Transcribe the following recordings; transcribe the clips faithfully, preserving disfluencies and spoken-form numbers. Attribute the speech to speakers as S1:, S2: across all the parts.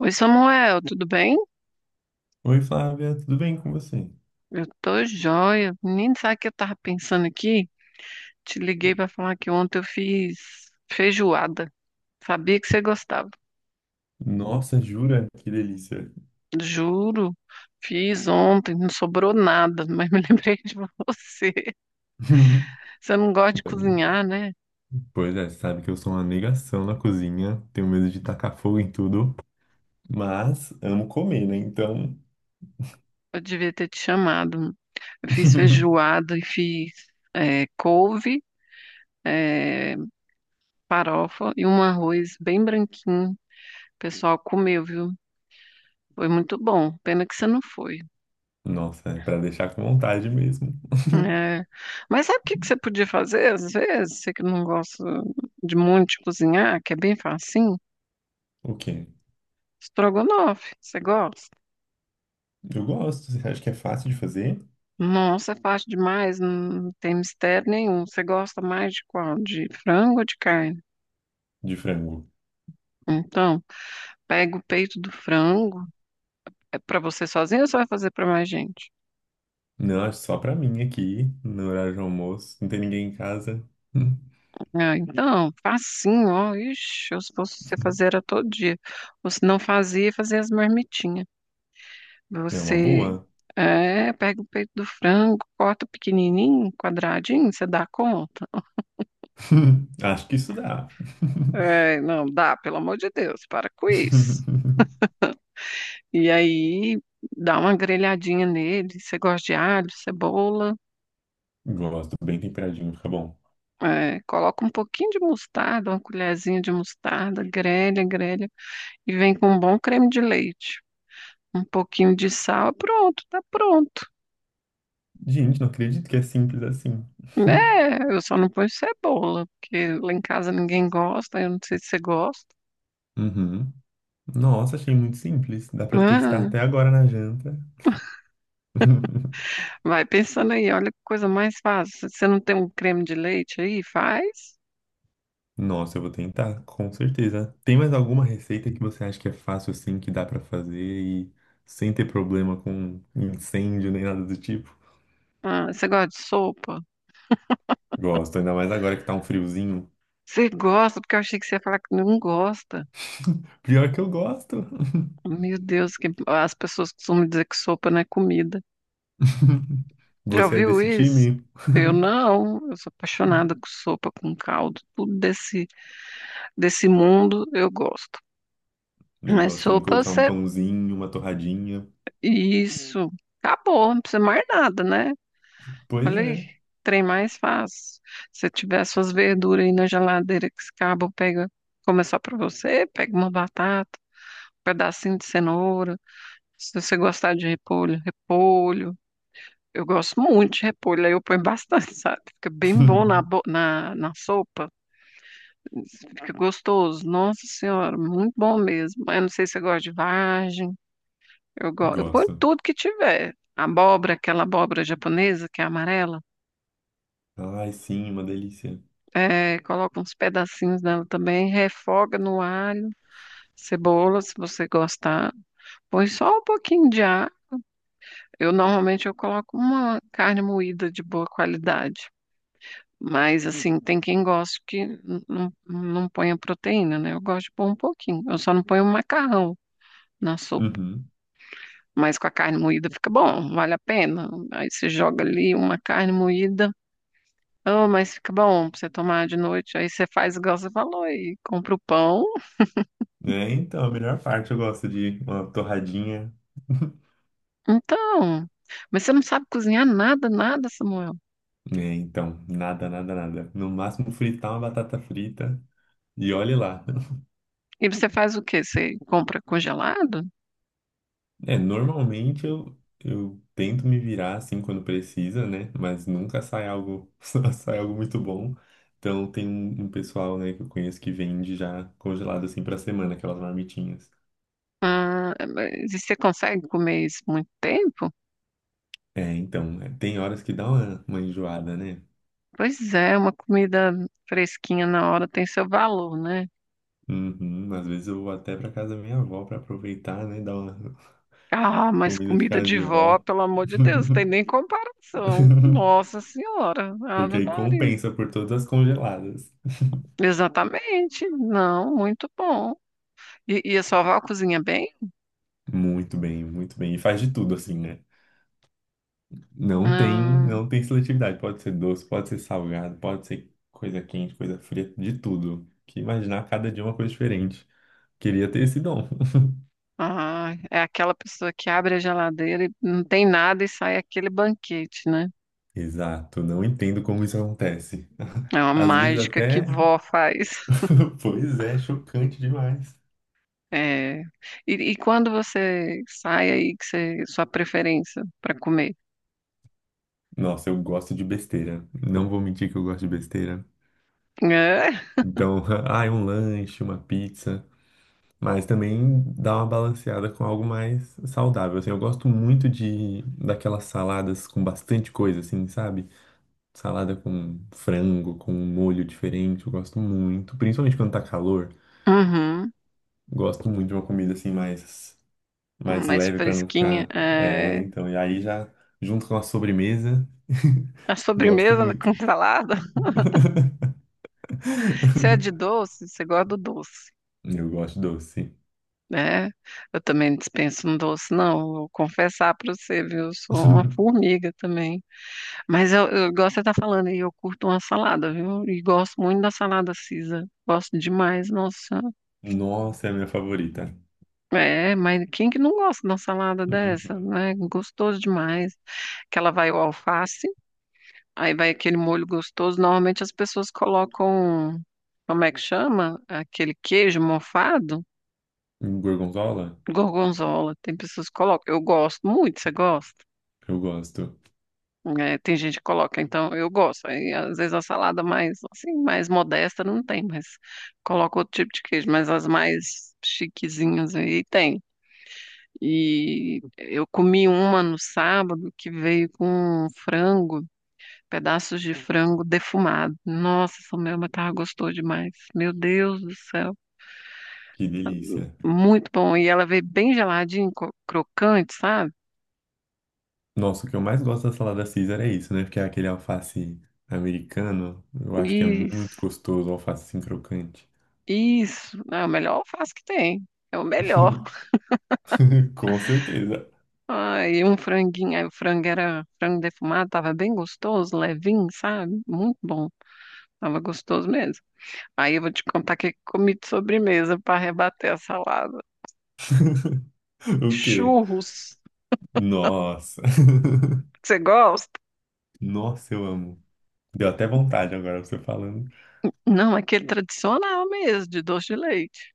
S1: Oi, Samuel, tudo bem?
S2: Oi, Flávia, tudo bem com você?
S1: Eu tô joia. Menino, sabe o que eu tava pensando aqui? Te liguei pra falar que ontem eu fiz feijoada. Sabia que você gostava.
S2: Nossa, jura? Que delícia.
S1: Juro, fiz ontem, não sobrou nada, mas me lembrei de você. Você não gosta de cozinhar, né?
S2: Pois é, sabe que eu sou uma negação na cozinha, tenho medo de tacar fogo em tudo, mas amo comer, né? Então,
S1: Eu devia ter te chamado. Eu fiz feijoada e fiz eh, couve, eh, farofa e um arroz bem branquinho. O pessoal comeu, viu? Foi muito bom. Pena que você não foi.
S2: nossa, é pra deixar com vontade mesmo.
S1: É. Mas sabe o que que você podia fazer às vezes? Você que não gosta de muito de cozinhar, que é bem facinho,
S2: O quê?
S1: estrogonofe, você gosta?
S2: Eu gosto, você acha que é fácil de fazer?
S1: Nossa, é fácil demais, não tem mistério nenhum. Você gosta mais de qual? De frango ou de carne?
S2: De frango.
S1: Então, pega o peito do frango. É para você sozinho ou você vai fazer para mais gente?
S2: Não, acho só pra mim aqui, no horário de almoço, não tem ninguém em casa.
S1: Ah, então, facinho, ó. Ixi, eu se fosse você fazer era todo dia. Ou se não fazia, fazia as marmitinhas.
S2: É uma
S1: Você
S2: boa.
S1: é, pega o peito do frango, corta pequenininho, quadradinho, você dá conta?
S2: Acho que isso dá.
S1: É, não, dá, pelo amor de Deus, para com isso. E aí dá uma grelhadinha nele. Você gosta de alho, cebola,
S2: Gosto, bem temperadinho, fica bom.
S1: é, coloca um pouquinho de mostarda, uma colherzinha de mostarda, grelha, grelha, e vem com um bom creme de leite. Um pouquinho de sal, pronto, tá pronto.
S2: Gente, não acredito que é simples assim.
S1: É, eu só não ponho cebola, porque lá em casa ninguém gosta, eu não sei se você gosta.
S2: Uhum. Nossa, achei muito simples. Dá pra testar
S1: Ah,
S2: até agora na janta.
S1: vai pensando aí, olha que coisa mais fácil. Você não tem um creme de leite aí? Faz.
S2: Nossa, eu vou tentar, com certeza. Tem mais alguma receita que você acha que é fácil assim, que dá pra fazer e sem ter problema com incêndio nem nada do tipo?
S1: Ah, você gosta de sopa?
S2: Gosto, ainda mais agora que tá um friozinho.
S1: Você gosta, porque eu achei que você ia falar que não gosta.
S2: Pior que eu gosto.
S1: Meu Deus, que as pessoas costumam dizer que sopa não é comida. Já
S2: Você é
S1: ouviu
S2: desse
S1: isso?
S2: time?
S1: Eu não, eu sou apaixonada com sopa, com caldo, tudo desse, desse mundo eu gosto.
S2: Eu
S1: Mas
S2: gosto também de
S1: sopa,
S2: colocar um
S1: você...
S2: pãozinho, uma torradinha.
S1: Isso, acabou, não precisa mais nada, né?
S2: Pois
S1: Olha aí,
S2: é.
S1: trem mais fácil. Se você tiver suas verduras aí na geladeira que acabam, pega, como é só pra você, pega uma batata, um pedacinho de cenoura. Se você gostar de repolho, repolho. Eu gosto muito de repolho, aí eu ponho bastante, sabe? Fica bem bom na, bo- na, na sopa, fica gostoso. Nossa Senhora, muito bom mesmo. Mas eu não sei se você gosta de vagem, eu, go... eu ponho
S2: Gosto.
S1: tudo que tiver. Abóbora, aquela abóbora japonesa que é amarela.
S2: Ai, sim, uma delícia.
S1: É, coloca uns pedacinhos dela também, refoga no alho, cebola, se você gostar. Põe só um pouquinho de ar. Eu normalmente eu coloco uma carne moída de boa qualidade. Mas assim, tem quem gosta que n- não, não põe a proteína, né? Eu gosto de pôr um pouquinho. Eu só não ponho o macarrão na sopa.
S2: Uhum.
S1: Mas com a carne moída fica bom, vale a pena. Aí você joga ali uma carne moída. Oh, mas fica bom pra você tomar de noite. Aí você faz igual você falou e compra o pão.
S2: É, então, a melhor parte eu gosto de uma torradinha.
S1: Então, mas você não sabe cozinhar nada, nada, Samuel.
S2: É, então, nada, nada, nada. No máximo fritar uma batata frita e olhe lá.
S1: E você faz o quê? Você compra congelado?
S2: É, normalmente eu, eu tento me virar assim quando precisa, né? Mas nunca sai algo, sai algo muito bom. Então tem um, um pessoal, né, que eu conheço que vende já congelado assim pra semana, aquelas marmitinhas.
S1: Ah, mas e você consegue comer isso muito tempo?
S2: É, então, é, tem horas que dá uma, uma enjoada, né?
S1: Pois é, uma comida fresquinha na hora tem seu valor, né?
S2: Uhum, às vezes eu vou até pra casa da minha avó pra aproveitar, né? Dar uma
S1: Ah, mas
S2: comida de
S1: comida
S2: casa
S1: de
S2: de
S1: vó,
S2: vó.
S1: pelo amor de Deus, tem nem comparação. Nossa Senhora,
S2: Porque
S1: Ave
S2: aí
S1: Maria.
S2: compensa por todas as congeladas.
S1: Exatamente, não, muito bom. E, e a sua avó cozinha bem?
S2: Muito bem, muito bem. E faz de tudo assim, né? Não tem,
S1: Ah.
S2: não tem seletividade. Pode ser doce, pode ser salgado, pode ser coisa quente, coisa fria, de tudo. Que imaginar cada dia uma coisa diferente. Queria ter esse dom.
S1: Ah, é aquela pessoa que abre a geladeira e não tem nada e sai aquele banquete, né?
S2: Exato, não entendo como isso acontece.
S1: É uma
S2: Às vezes
S1: mágica que
S2: até.
S1: vó faz.
S2: Pois é, chocante demais.
S1: É. E, e quando você sai aí, que você, sua preferência para comer?
S2: Nossa, eu gosto de besteira. Não vou mentir que eu gosto de besteira.
S1: É.
S2: Então, ah, um lanche, uma pizza. Mas também dá uma balanceada com algo mais saudável. Assim, eu gosto muito de daquelas saladas com bastante coisa, assim, sabe? Salada com frango, com um molho diferente. Eu gosto muito. Principalmente quando tá calor.
S1: Uhum.
S2: Gosto muito de uma comida assim mais, mais
S1: Mais
S2: leve pra não
S1: fresquinha.
S2: ficar. É,
S1: É.
S2: então. E aí já junto com a sobremesa.
S1: A
S2: Gosto
S1: sobremesa
S2: muito.
S1: com salada. Você é de doce? Você gosta do doce,
S2: Eu gosto doce.
S1: né? Eu também dispenso um doce, não. Vou confessar para você, viu? Eu sou uma formiga também. Mas eu, eu gosto de estar falando e eu curto uma salada, viu? E gosto muito da salada Caesar. Gosto demais, nossa.
S2: Nossa, é a minha favorita.
S1: É, mas quem que não gosta de uma salada
S2: Uhum.
S1: dessa, né? Gostoso demais. Que ela vai o alface, aí vai aquele molho gostoso. Normalmente as pessoas colocam, como é que chama? Aquele queijo mofado,
S2: Gorgonzola?
S1: gorgonzola. Tem pessoas que colocam. Eu gosto muito, você gosta?
S2: Eu gosto.
S1: É, tem gente que coloca, então eu gosto. Aí, às vezes a salada mais assim, mais modesta não tem, mas coloca outro tipo de queijo, mas as mais chiquezinhas aí tem. E eu comi uma no sábado que veio com frango, pedaços de frango defumado. Nossa, essa minha mas tava gostoso demais. Meu Deus do céu,
S2: Que delícia.
S1: muito bom. E ela veio bem geladinha, cro- crocante, sabe?
S2: Nossa, o que eu mais gosto da salada Caesar é isso, né? Porque é aquele alface americano. Eu acho que é muito
S1: Isso,
S2: gostoso o alface assim crocante.
S1: isso. É o melhor alface que tem. É o melhor.
S2: Com certeza.
S1: Ai, um franguinho. Aí o frango era frango defumado, tava bem gostoso, levinho, sabe? Muito bom. Tava gostoso mesmo. Aí eu vou te contar o que que eu comi de sobremesa para rebater a salada.
S2: O quê?
S1: Churros.
S2: Nossa.
S1: Você gosta?
S2: Nossa, eu amo. Deu até vontade agora você falando.
S1: Não, aquele tradicional mesmo, de doce de leite.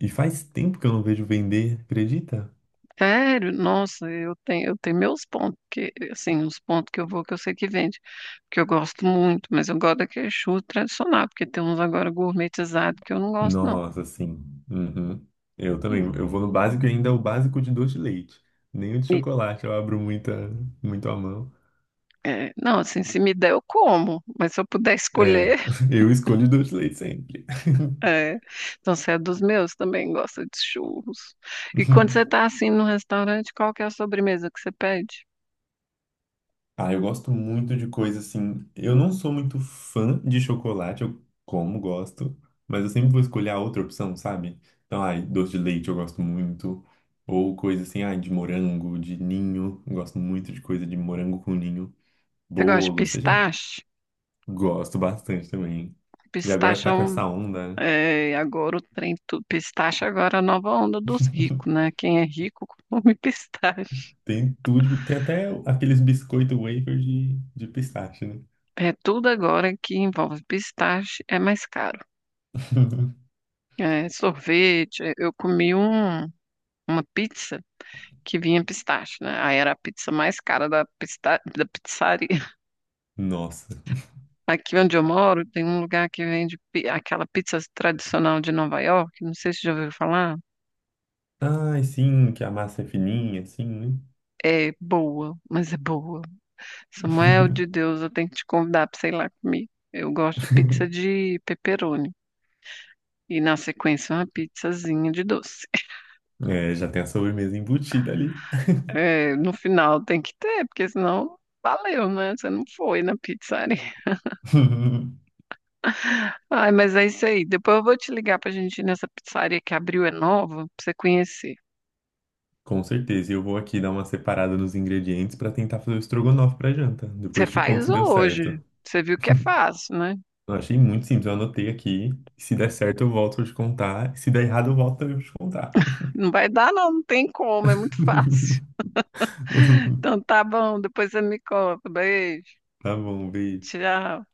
S2: E faz tempo que eu não vejo vender, acredita?
S1: Sério, nossa, eu tenho, eu tenho meus pontos, que, assim, os pontos que eu vou que eu sei que vende, porque eu gosto muito, mas eu gosto daquele churro tradicional, porque tem uns agora gourmetizados que eu não gosto, não.
S2: Nossa, sim. Uhum. Eu também.
S1: Hum.
S2: Eu vou no básico e ainda é o básico de doce de leite. Nem o de
S1: E
S2: chocolate eu abro muita, muito a mão.
S1: é, não, assim, se me der, eu como, mas se eu puder escolher,
S2: É, eu escolho doce de leite sempre.
S1: é. Então, você é dos meus, também gosta de churros. E quando você está assim no restaurante, qual que é a sobremesa que você pede?
S2: Ah, eu gosto muito de coisa assim. Eu não sou muito fã de chocolate, eu como, gosto, mas eu sempre vou escolher a outra opção, sabe? Então, ai, doce de leite eu gosto muito. Ou coisa assim, ai, de morango, de ninho. Eu gosto muito de coisa de morango com ninho.
S1: Você gosta de
S2: Bolo, seja.
S1: pistache?
S2: Gosto bastante também. E agora que
S1: Pistache é
S2: tá com
S1: um,
S2: essa onda, né?
S1: é, agora o trem, tu- pistache agora é a nova onda dos ricos, né? Quem é rico come pistache.
S2: Tem tudo, tem até aqueles biscoito wafer de, de pistache, né?
S1: É tudo agora que envolve pistache é mais caro. É, sorvete, é, eu comi um, uma pizza que vinha pistache, né? Aí era a pizza mais cara da, pista, da pizzaria.
S2: Nossa.
S1: Aqui onde eu moro tem um lugar que vende pi- aquela pizza tradicional de Nova York, não sei se já ouviu falar.
S2: Ai, sim, que a massa é fininha, assim, né?
S1: É boa, mas é boa. Samuel de Deus, eu tenho que te convidar para sei lá comigo. Eu gosto de pizza de pepperoni. E na sequência uma pizzazinha de doce.
S2: É, já tem a sobremesa embutida ali.
S1: É, no final tem que ter, porque senão valeu, né? Você não foi na pizzaria. Ai, mas é isso aí. Depois eu vou te ligar pra gente ir nessa pizzaria que abriu, é nova, pra você conhecer.
S2: Com certeza. E eu vou aqui dar uma separada nos ingredientes pra tentar fazer o estrogonofe pra janta.
S1: Você
S2: Depois te conto
S1: faz
S2: se deu
S1: hoje.
S2: certo.
S1: Você viu que é fácil, né?
S2: Eu achei muito simples, eu anotei aqui. Se der certo, eu volto a te contar. Se der errado, eu volto a te contar.
S1: Não vai dar, não, não tem como, é muito fácil. Então tá bom, depois você me conta. Beijo,
S2: Tá bom, beijo.
S1: tchau.